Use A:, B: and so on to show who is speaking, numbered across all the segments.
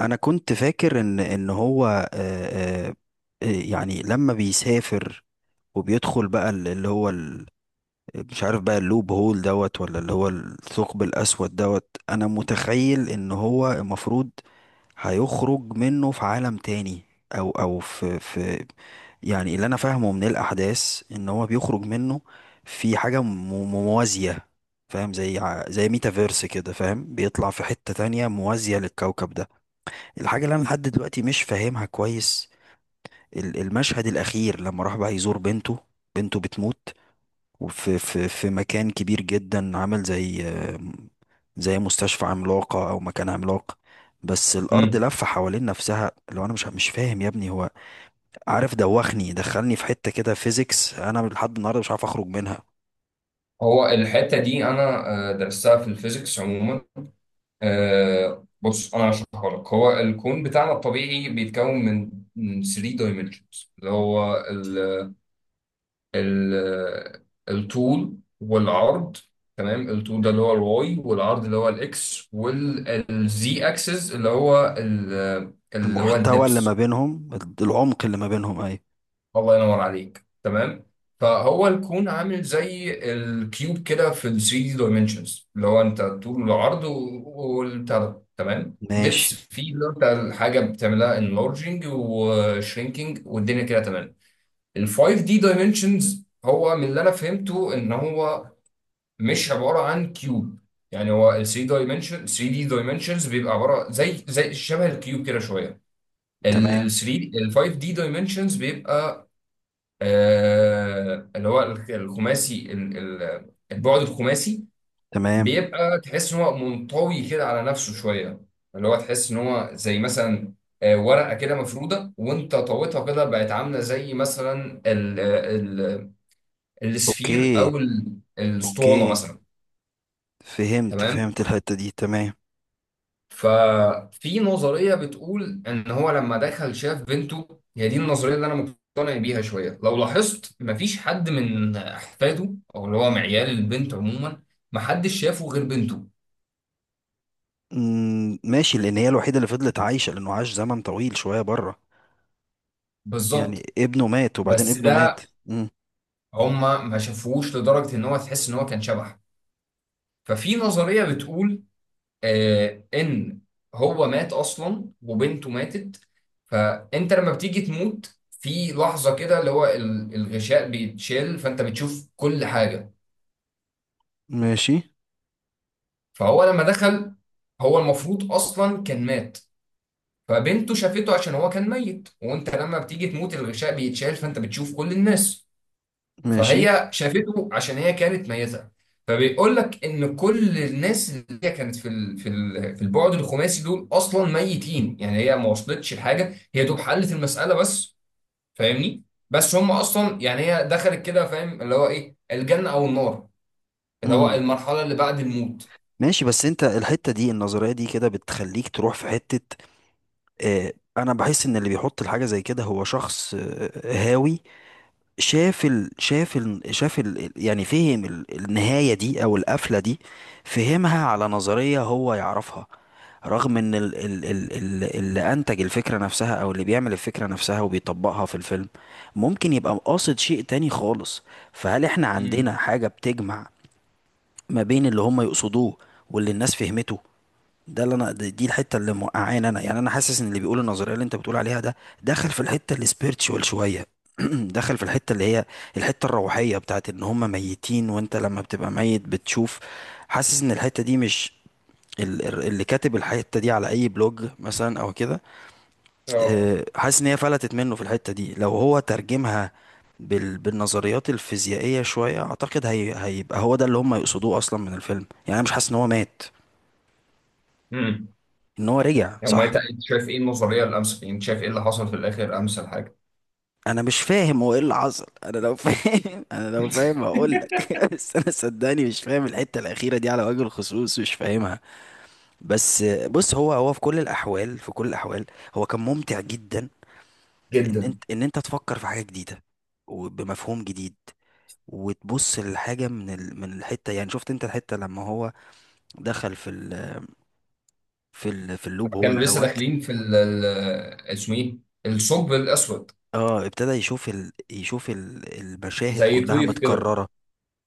A: انا كنت فاكر ان هو يعني لما بيسافر وبيدخل بقى اللي هو مش عارف بقى اللوب هول دوت ولا اللي هو الثقب الاسود دوت. انا متخيل ان هو المفروض هيخرج منه في عالم تاني، او في يعني اللي انا فاهمه من الاحداث ان هو بيخرج منه في حاجه موازيه. فاهم؟ زي زي ميتافيرس كده، فاهم؟ بيطلع في حته تانية موازيه للكوكب ده. الحاجة اللي أنا لحد دلوقتي مش فاهمها كويس، المشهد الأخير لما راح بقى يزور بنته، بنته بتموت، وفي في مكان كبير جدا عامل زي زي مستشفى عملاقة أو مكان عملاق، بس الأرض
B: مم.
A: لفة حوالين نفسها. لو أنا مش فاهم يا ابني، هو عارف دوخني، دخلني في حتة كده فيزيكس أنا لحد النهاردة مش عارف أخرج منها.
B: هو الحتة دي أنا درستها في الفيزيكس عموما. بص أنا هشرحها لك. هو الكون بتاعنا الطبيعي بيتكون من 3 دايمنشنز، اللي هو ال ال الطول والعرض. تمام؟ الطول ده اللي هو الواي، والعرض اللي هو الإكس، والزي أكسس اللي هو اللي هو
A: المحتوى اللي ما
B: الدبس.
A: بينهم، العمق اللي ما بينهم، أيوة.
B: الله ينور عليك. تمام. فهو الكون عامل زي الكيوب كده في ال 3 دايمنشنز، اللي هو انت طول العرض والبتاع ده. تمام.
A: ماشي.
B: دبس فيه اللي هو انت الحاجه بتعملها انلارجنج وشرينكينج والدنيا كده. تمام. ال 5 دي دايمنشنز هو، من اللي انا فهمته، ان هو مش عباره عن كيوب. يعني هو ال 3 دايمنشن، 3 دي دايمنشنز بيبقى عباره زي شبه الكيوب كده شويه.
A: تمام.
B: ال 5 دي دايمنشنز بيبقى اللي هو الخماسي، البعد الخماسي،
A: تمام.
B: بيبقى تحس ان هو منطوي كده على نفسه شويه. اللي هو تحس ان هو زي مثلا ورقه كده مفروده وانت طويتها كده بقت عامله زي مثلا ال ال السفير
A: أوكي.
B: او الاسطوانه
A: أوكي.
B: مثلا.
A: فهمت
B: تمام.
A: فهمت الحتة دي، تمام.
B: ففي نظرية بتقول إن هو لما دخل شاف بنته. هي دي النظرية اللي أنا مقتنع بيها شوية. لو لاحظت، مفيش حد من أحفاده أو اللي هو معيال البنت عموما محدش شافه غير بنته.
A: مم، ماشي. لأن هي الوحيدة اللي فضلت عايشة، لأنه عاش زمن طويل شوية بره. يعني
B: بالظبط.
A: ابنه مات وبعدين
B: بس
A: ابنه مات.
B: ده
A: مم.
B: هما ما شافوهوش لدرجة إن هو تحس إن هو كان شبح. ففي نظرية بتقول ان هو مات اصلا وبنته ماتت. فانت لما بتيجي تموت في لحظه كده، اللي هو الغشاء بيتشال، فانت بتشوف كل حاجه.
A: ماشي.
B: فهو لما دخل، هو المفروض اصلا كان مات. فبنته شافته عشان هو كان ميت، وانت لما بتيجي تموت الغشاء بيتشال فانت بتشوف كل الناس.
A: ماشي.
B: فهي شافته عشان هي كانت ميتة. فبيقول لك ان كل الناس اللي هي كانت في البعد الخماسي، دول اصلا ميتين. يعني هي ما وصلتش لحاجه، هي دوب حلت المساله بس. فاهمني؟ بس هم اصلا، يعني هي دخلت كده، فاهم، اللي هو ايه؟ الجنه او النار. اللي هو
A: مم.
B: المرحله اللي بعد الموت.
A: ماشي. بس انت الحتة دي، النظرية دي كده بتخليك تروح في حتة. اه، انا بحس ان اللي بيحط الحاجة زي كده هو شخص هاوي. شاف يعني فهم النهاية دي أو القفلة دي، فهمها على نظرية هو يعرفها. رغم إن اللي أنتج الفكرة نفسها أو اللي بيعمل الفكرة نفسها وبيطبقها في الفيلم، ممكن يبقى قاصد شيء تاني خالص. فهل إحنا عندنا
B: امم
A: حاجة بتجمع ما بين اللي هم يقصدوه واللي الناس فهمته؟ ده اللي انا، دي الحته اللي موقعاني انا. يعني انا حاسس ان اللي بيقول النظريه اللي انت بتقول عليها ده، داخل في الحته السبيرتشوال شويه. داخل في الحته اللي هي الحته الروحيه، بتاعت ان هم ميتين وانت لما بتبقى ميت بتشوف. حاسس ان الحته دي مش، اللي كاتب الحته دي على اي بلوج مثلا او كده،
B: اه.
A: حاسس ان هي فلتت منه في الحته دي. لو هو ترجمها بالنظريات الفيزيائيه شويه، اعتقد هيبقى هو ده اللي هم يقصدوه اصلا من الفيلم. يعني انا مش حاسس ان هو مات،
B: امم
A: ان هو رجع صح.
B: انت، شايف ايه النظريه؟ الامس انت شايف ايه اللي حصل في الاخر؟ امس حاجه.
A: انا مش فاهم هو ايه اللي حصل، انا لو فاهم انا لو فاهم هقول لك. بس انا صدقني مش فاهم الحته الاخيره دي على وجه الخصوص، مش فاهمها بس. بص، هو في كل الاحوال، في كل الاحوال هو كان ممتع جدا،
B: جدا
A: ان
B: لما
A: انت ان انت تفكر في حاجه جديده وبمفهوم جديد وتبص للحاجه من من الحته. يعني شفت انت الحته لما هو دخل في في اللوب هول
B: كانوا لسه
A: دوت؟
B: داخلين في اسمه ايه، الثقب الاسود،
A: اه، ابتدى يشوف المشاهد
B: زي
A: كلها
B: طيف كده.
A: متكرره.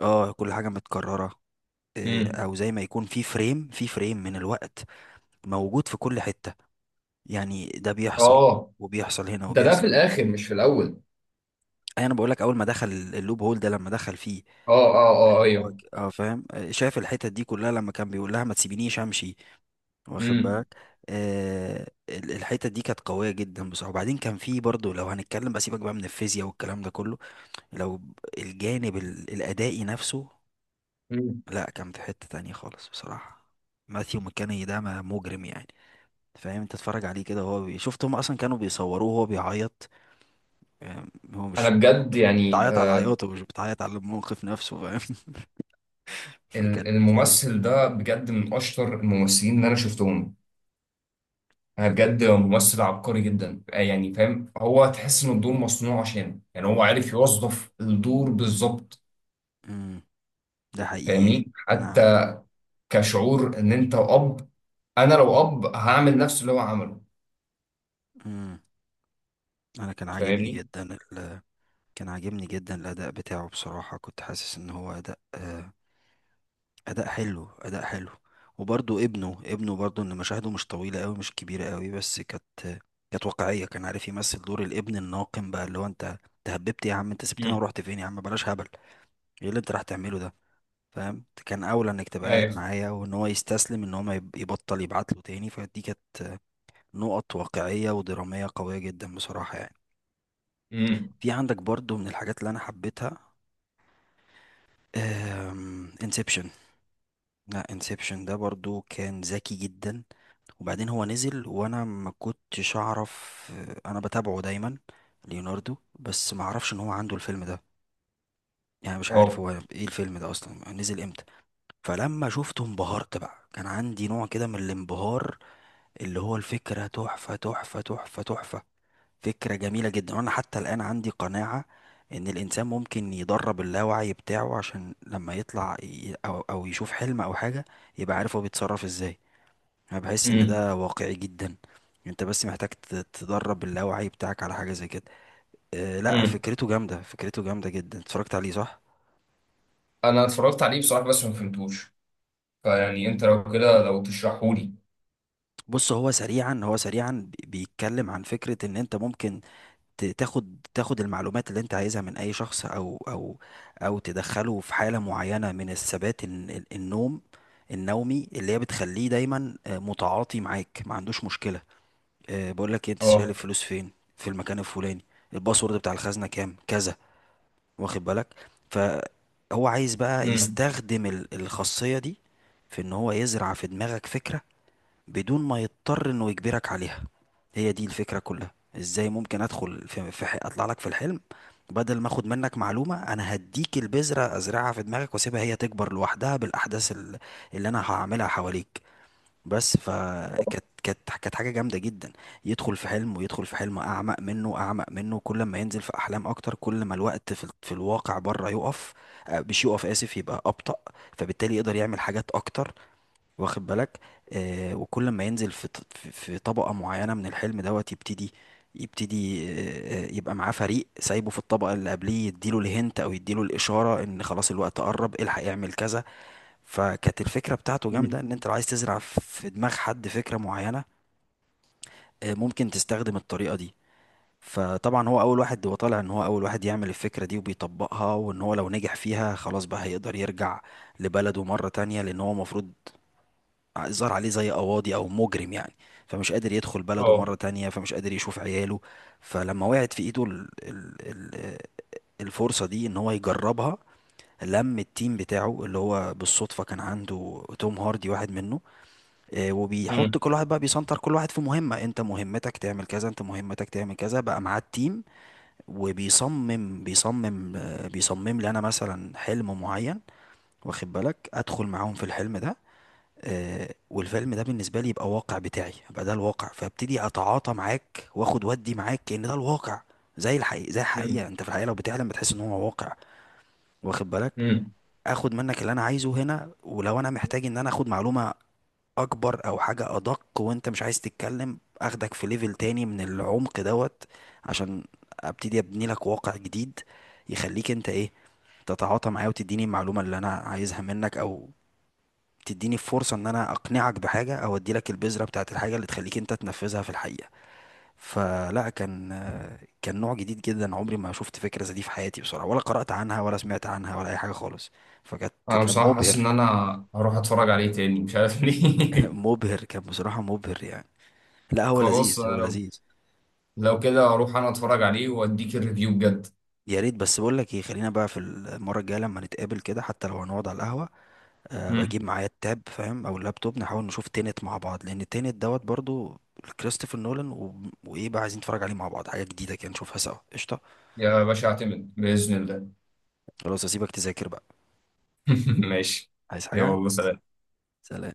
A: اه، كل حاجه متكرره.
B: امم
A: او زي ما يكون في فريم من الوقت موجود في كل حتة. يعني ده بيحصل
B: اه.
A: وبيحصل هنا
B: ده
A: وبيحصل
B: في
A: هنا.
B: الاخر مش في الاول.
A: أي انا بقول لك اول ما دخل اللوب هول ده، لما دخل فيه،
B: اه، اه، اه،
A: لان هو
B: ايوه.
A: اه فاهم، شاف الحتت دي كلها لما كان بيقول لها ما تسيبينيش امشي. واخد
B: امم
A: بالك؟ آه، الحتت دي كانت قوية جدا بصراحة. وبعدين كان في برضه، لو هنتكلم بقى، سيبك بقى من الفيزياء والكلام ده كله، لو الجانب الادائي نفسه،
B: امم
A: لا كان في حتة تانية خالص بصراحة. ماثيو مكاني ده مجرم يعني، فاهم؟ انت اتفرج عليه كده وهو شفت هم اصلا كانوا بيصوروه وهو بيعيط، فاهم؟ هو
B: انا
A: مش
B: بجد يعني
A: بتعيط على عياطه، مش بتعيط على الموقف نفسه، فاهم؟ فكانت،
B: الممثل ده بجد من اشطر الممثلين اللي انا شفتهم. انا
A: مم،
B: بجد ممثل عبقري جدا. يعني فاهم، هو تحس ان الدور مصنوع عشانه. يعني هو عارف يوظف الدور بالظبط.
A: مم، ده حقيقي.
B: فاهمني؟
A: انا عن...
B: حتى كشعور، ان انت اب انا لو اب هعمل نفس اللي هو عمله.
A: مم. انا كان عاجبني
B: فاهمني؟
A: جدا كان عاجبني جدا الاداء بتاعه بصراحة. كنت حاسس ان هو اداء اداء حلو، اداء حلو. وبرضو ابنه برضو، ان مشاهده مش طويله قوي، مش كبيره قوي، بس كانت كانت واقعيه. كان عارف يمثل دور الابن الناقم بقى، اللي هو انت، هببت يا عم، انت سبتنا
B: امم
A: ورحت فين يا عم، بلاش هبل، ايه اللي انت راح تعمله ده؟ فاهم؟ كان اولى انك تبقى قاعد
B: ايوه.
A: معايا. وان هو يستسلم، ان هو ما يبطل يبعت له تاني. فدي كانت نقط واقعيه ودراميه قويه جدا بصراحه يعني.
B: امم
A: في عندك برضو من الحاجات اللي انا حبيتها انسبشن. لا، انسبشن ده برضو كان ذكي جدا. وبعدين هو نزل وانا ما كنتش اعرف، انا بتابعه دايما ليوناردو، بس ما اعرفش ان هو عنده الفيلم ده. يعني مش عارف هو
B: اه.
A: ايه الفيلم ده اصلا نزل امتى. فلما شفته انبهرت بقى، كان عندي نوع كده من الانبهار. اللي هو الفكرة تحفة، تحفة، تحفة، تحفة. فكرة جميلة جدا. وانا حتى الان عندي قناعة ان الانسان ممكن يدرب اللاوعي بتاعه، عشان لما يطلع او او يشوف حلم او حاجة، يبقى عارف هو بيتصرف ازاي. انا بحس ان ده واقعي جدا. انت بس محتاج تدرب اللاوعي بتاعك على حاجه زي كده. أه لا،
B: امم
A: فكرته جامده، فكرته جامده جدا. اتفرجت عليه صح؟
B: انا اتفرجت عليه بصراحه بس ما فهمتوش. فيعني انت لو كده، لو تشرحهولي.
A: بص، هو سريعا، هو سريعا بيتكلم عن فكره ان انت ممكن تاخد المعلومات اللي انت عايزها من اي شخص، او او تدخله في حاله معينه من الثبات، النوم النومي، اللي هي بتخليه دايما متعاطي معاك، ما عندوش مشكله. أه بقول لك إيه، انت شايل
B: اه.
A: الفلوس فين، في المكان الفلاني، الباسورد بتاع الخزنه كام، كذا. واخد بالك؟ فهو عايز بقى
B: امم
A: يستخدم الخاصية دي، في ان هو يزرع في دماغك فكرة بدون ما يضطر انه يجبرك عليها. هي دي الفكرة كلها. ازاي ممكن ادخل اطلع لك في الحلم، بدل ما اخد منك معلومة، انا هديك البذرة ازرعها في دماغك واسيبها هي تكبر لوحدها بالاحداث اللي انا هعملها حواليك بس. فكانت، كانت حاجه جامده جدا. يدخل في حلم، ويدخل في حلم اعمق منه، اعمق منه، كل ما ينزل في احلام اكتر كل ما الوقت في الواقع بره يقف، مش يقف اسف، يبقى ابطا. فبالتالي يقدر يعمل حاجات اكتر، واخد بالك؟ آه، وكل ما ينزل في في طبقه معينه من الحلم دوت، يبتدي، يبتدي يبقى معاه فريق سايبه في الطبقه اللي قبليه، يديله الهنت او يديله الاشاره ان خلاص الوقت قرب، الحق يعمل كذا. فكانت الفكرة بتاعته
B: امم
A: جامدة. ان انت لو عايز تزرع في دماغ حد فكرة معينة، ممكن تستخدم الطريقة دي. فطبعا هو اول واحد، هو طالع ان هو اول واحد يعمل الفكرة دي وبيطبقها. وان هو لو نجح فيها، خلاص بقى هيقدر يرجع لبلده مرة تانية. لان هو المفروض ظهر عليه زي قواضي او مجرم يعني، فمش قادر يدخل بلده
B: اه.
A: مرة تانية، فمش قادر يشوف عياله. فلما وقعت في ايده ال ال ال الفرصة دي ان هو يجربها، لم التيم بتاعه، اللي هو بالصدفة كان عنده توم هاردي واحد منه. وبيحط
B: امم
A: كل واحد بقى، بيسنتر كل واحد في مهمة، انت مهمتك تعمل كذا، انت مهمتك تعمل كذا. بقى معاه التيم، وبيصمم بيصمم آه، بيصمم لي انا مثلا حلم معين، واخد بالك؟ ادخل معاهم في الحلم ده، والفيلم ده بالنسبة لي يبقى واقع بتاعي، يبقى ده الواقع. فابتدي اتعاطى معاك واخد ودي معاك كأن ده الواقع، زي الحقيقة، زي الحقيقة.
B: امم
A: انت في الحقيقة لو بتحلم بتحس ان هو واقع، واخد بالك؟
B: امم
A: اخد منك اللي انا عايزه هنا. ولو انا محتاج ان انا اخد معلومة اكبر او حاجة ادق وانت مش عايز تتكلم، اخدك في ليفل تاني من العمق دوت، عشان ابتدي ابني لك واقع جديد، يخليك انت ايه، تتعاطى معايا وتديني المعلومة اللي انا عايزها منك، او تديني فرصة ان انا اقنعك بحاجة، او اديلك البذرة بتاعت الحاجة اللي تخليك انت تنفذها في الحقيقة. فلا، كان، كان نوع جديد جدا. عمري ما شفت فكرة زي دي في حياتي بصراحة، ولا قرأت عنها ولا سمعت عنها ولا اي حاجة خالص. فكانت،
B: انا
A: كان
B: بصراحه حاسس
A: مبهر.
B: ان انا هروح اتفرج عليه تاني، مش عارف ليه.
A: مبهر كان بصراحة، مبهر يعني. لا هو
B: خلاص،
A: لذيذ،
B: انا
A: هو
B: لو
A: لذيذ.
B: كده هروح انا اتفرج عليه واديك الريفيو بجد.
A: يا ريت. بس بقول لك ايه، خلينا بقى في المره الجايه لما نتقابل كده، حتى لو هنقعد على القهوه، أه
B: امم
A: بجيب معايا التاب فاهم، او اللابتوب، نحاول نشوف تينت مع بعض، لان تينت دوت برضو كريستوفر نولان و... وايه بقى عايزين نتفرج عليه مع بعض، حاجه جديده كده نشوفها سوا، قشطه.
B: يا باشا اعتمد باذن الله.
A: خلاص، اسيبك تذاكر بقى.
B: ماشي.
A: عايز حاجه؟
B: يلا سلام.
A: سلام.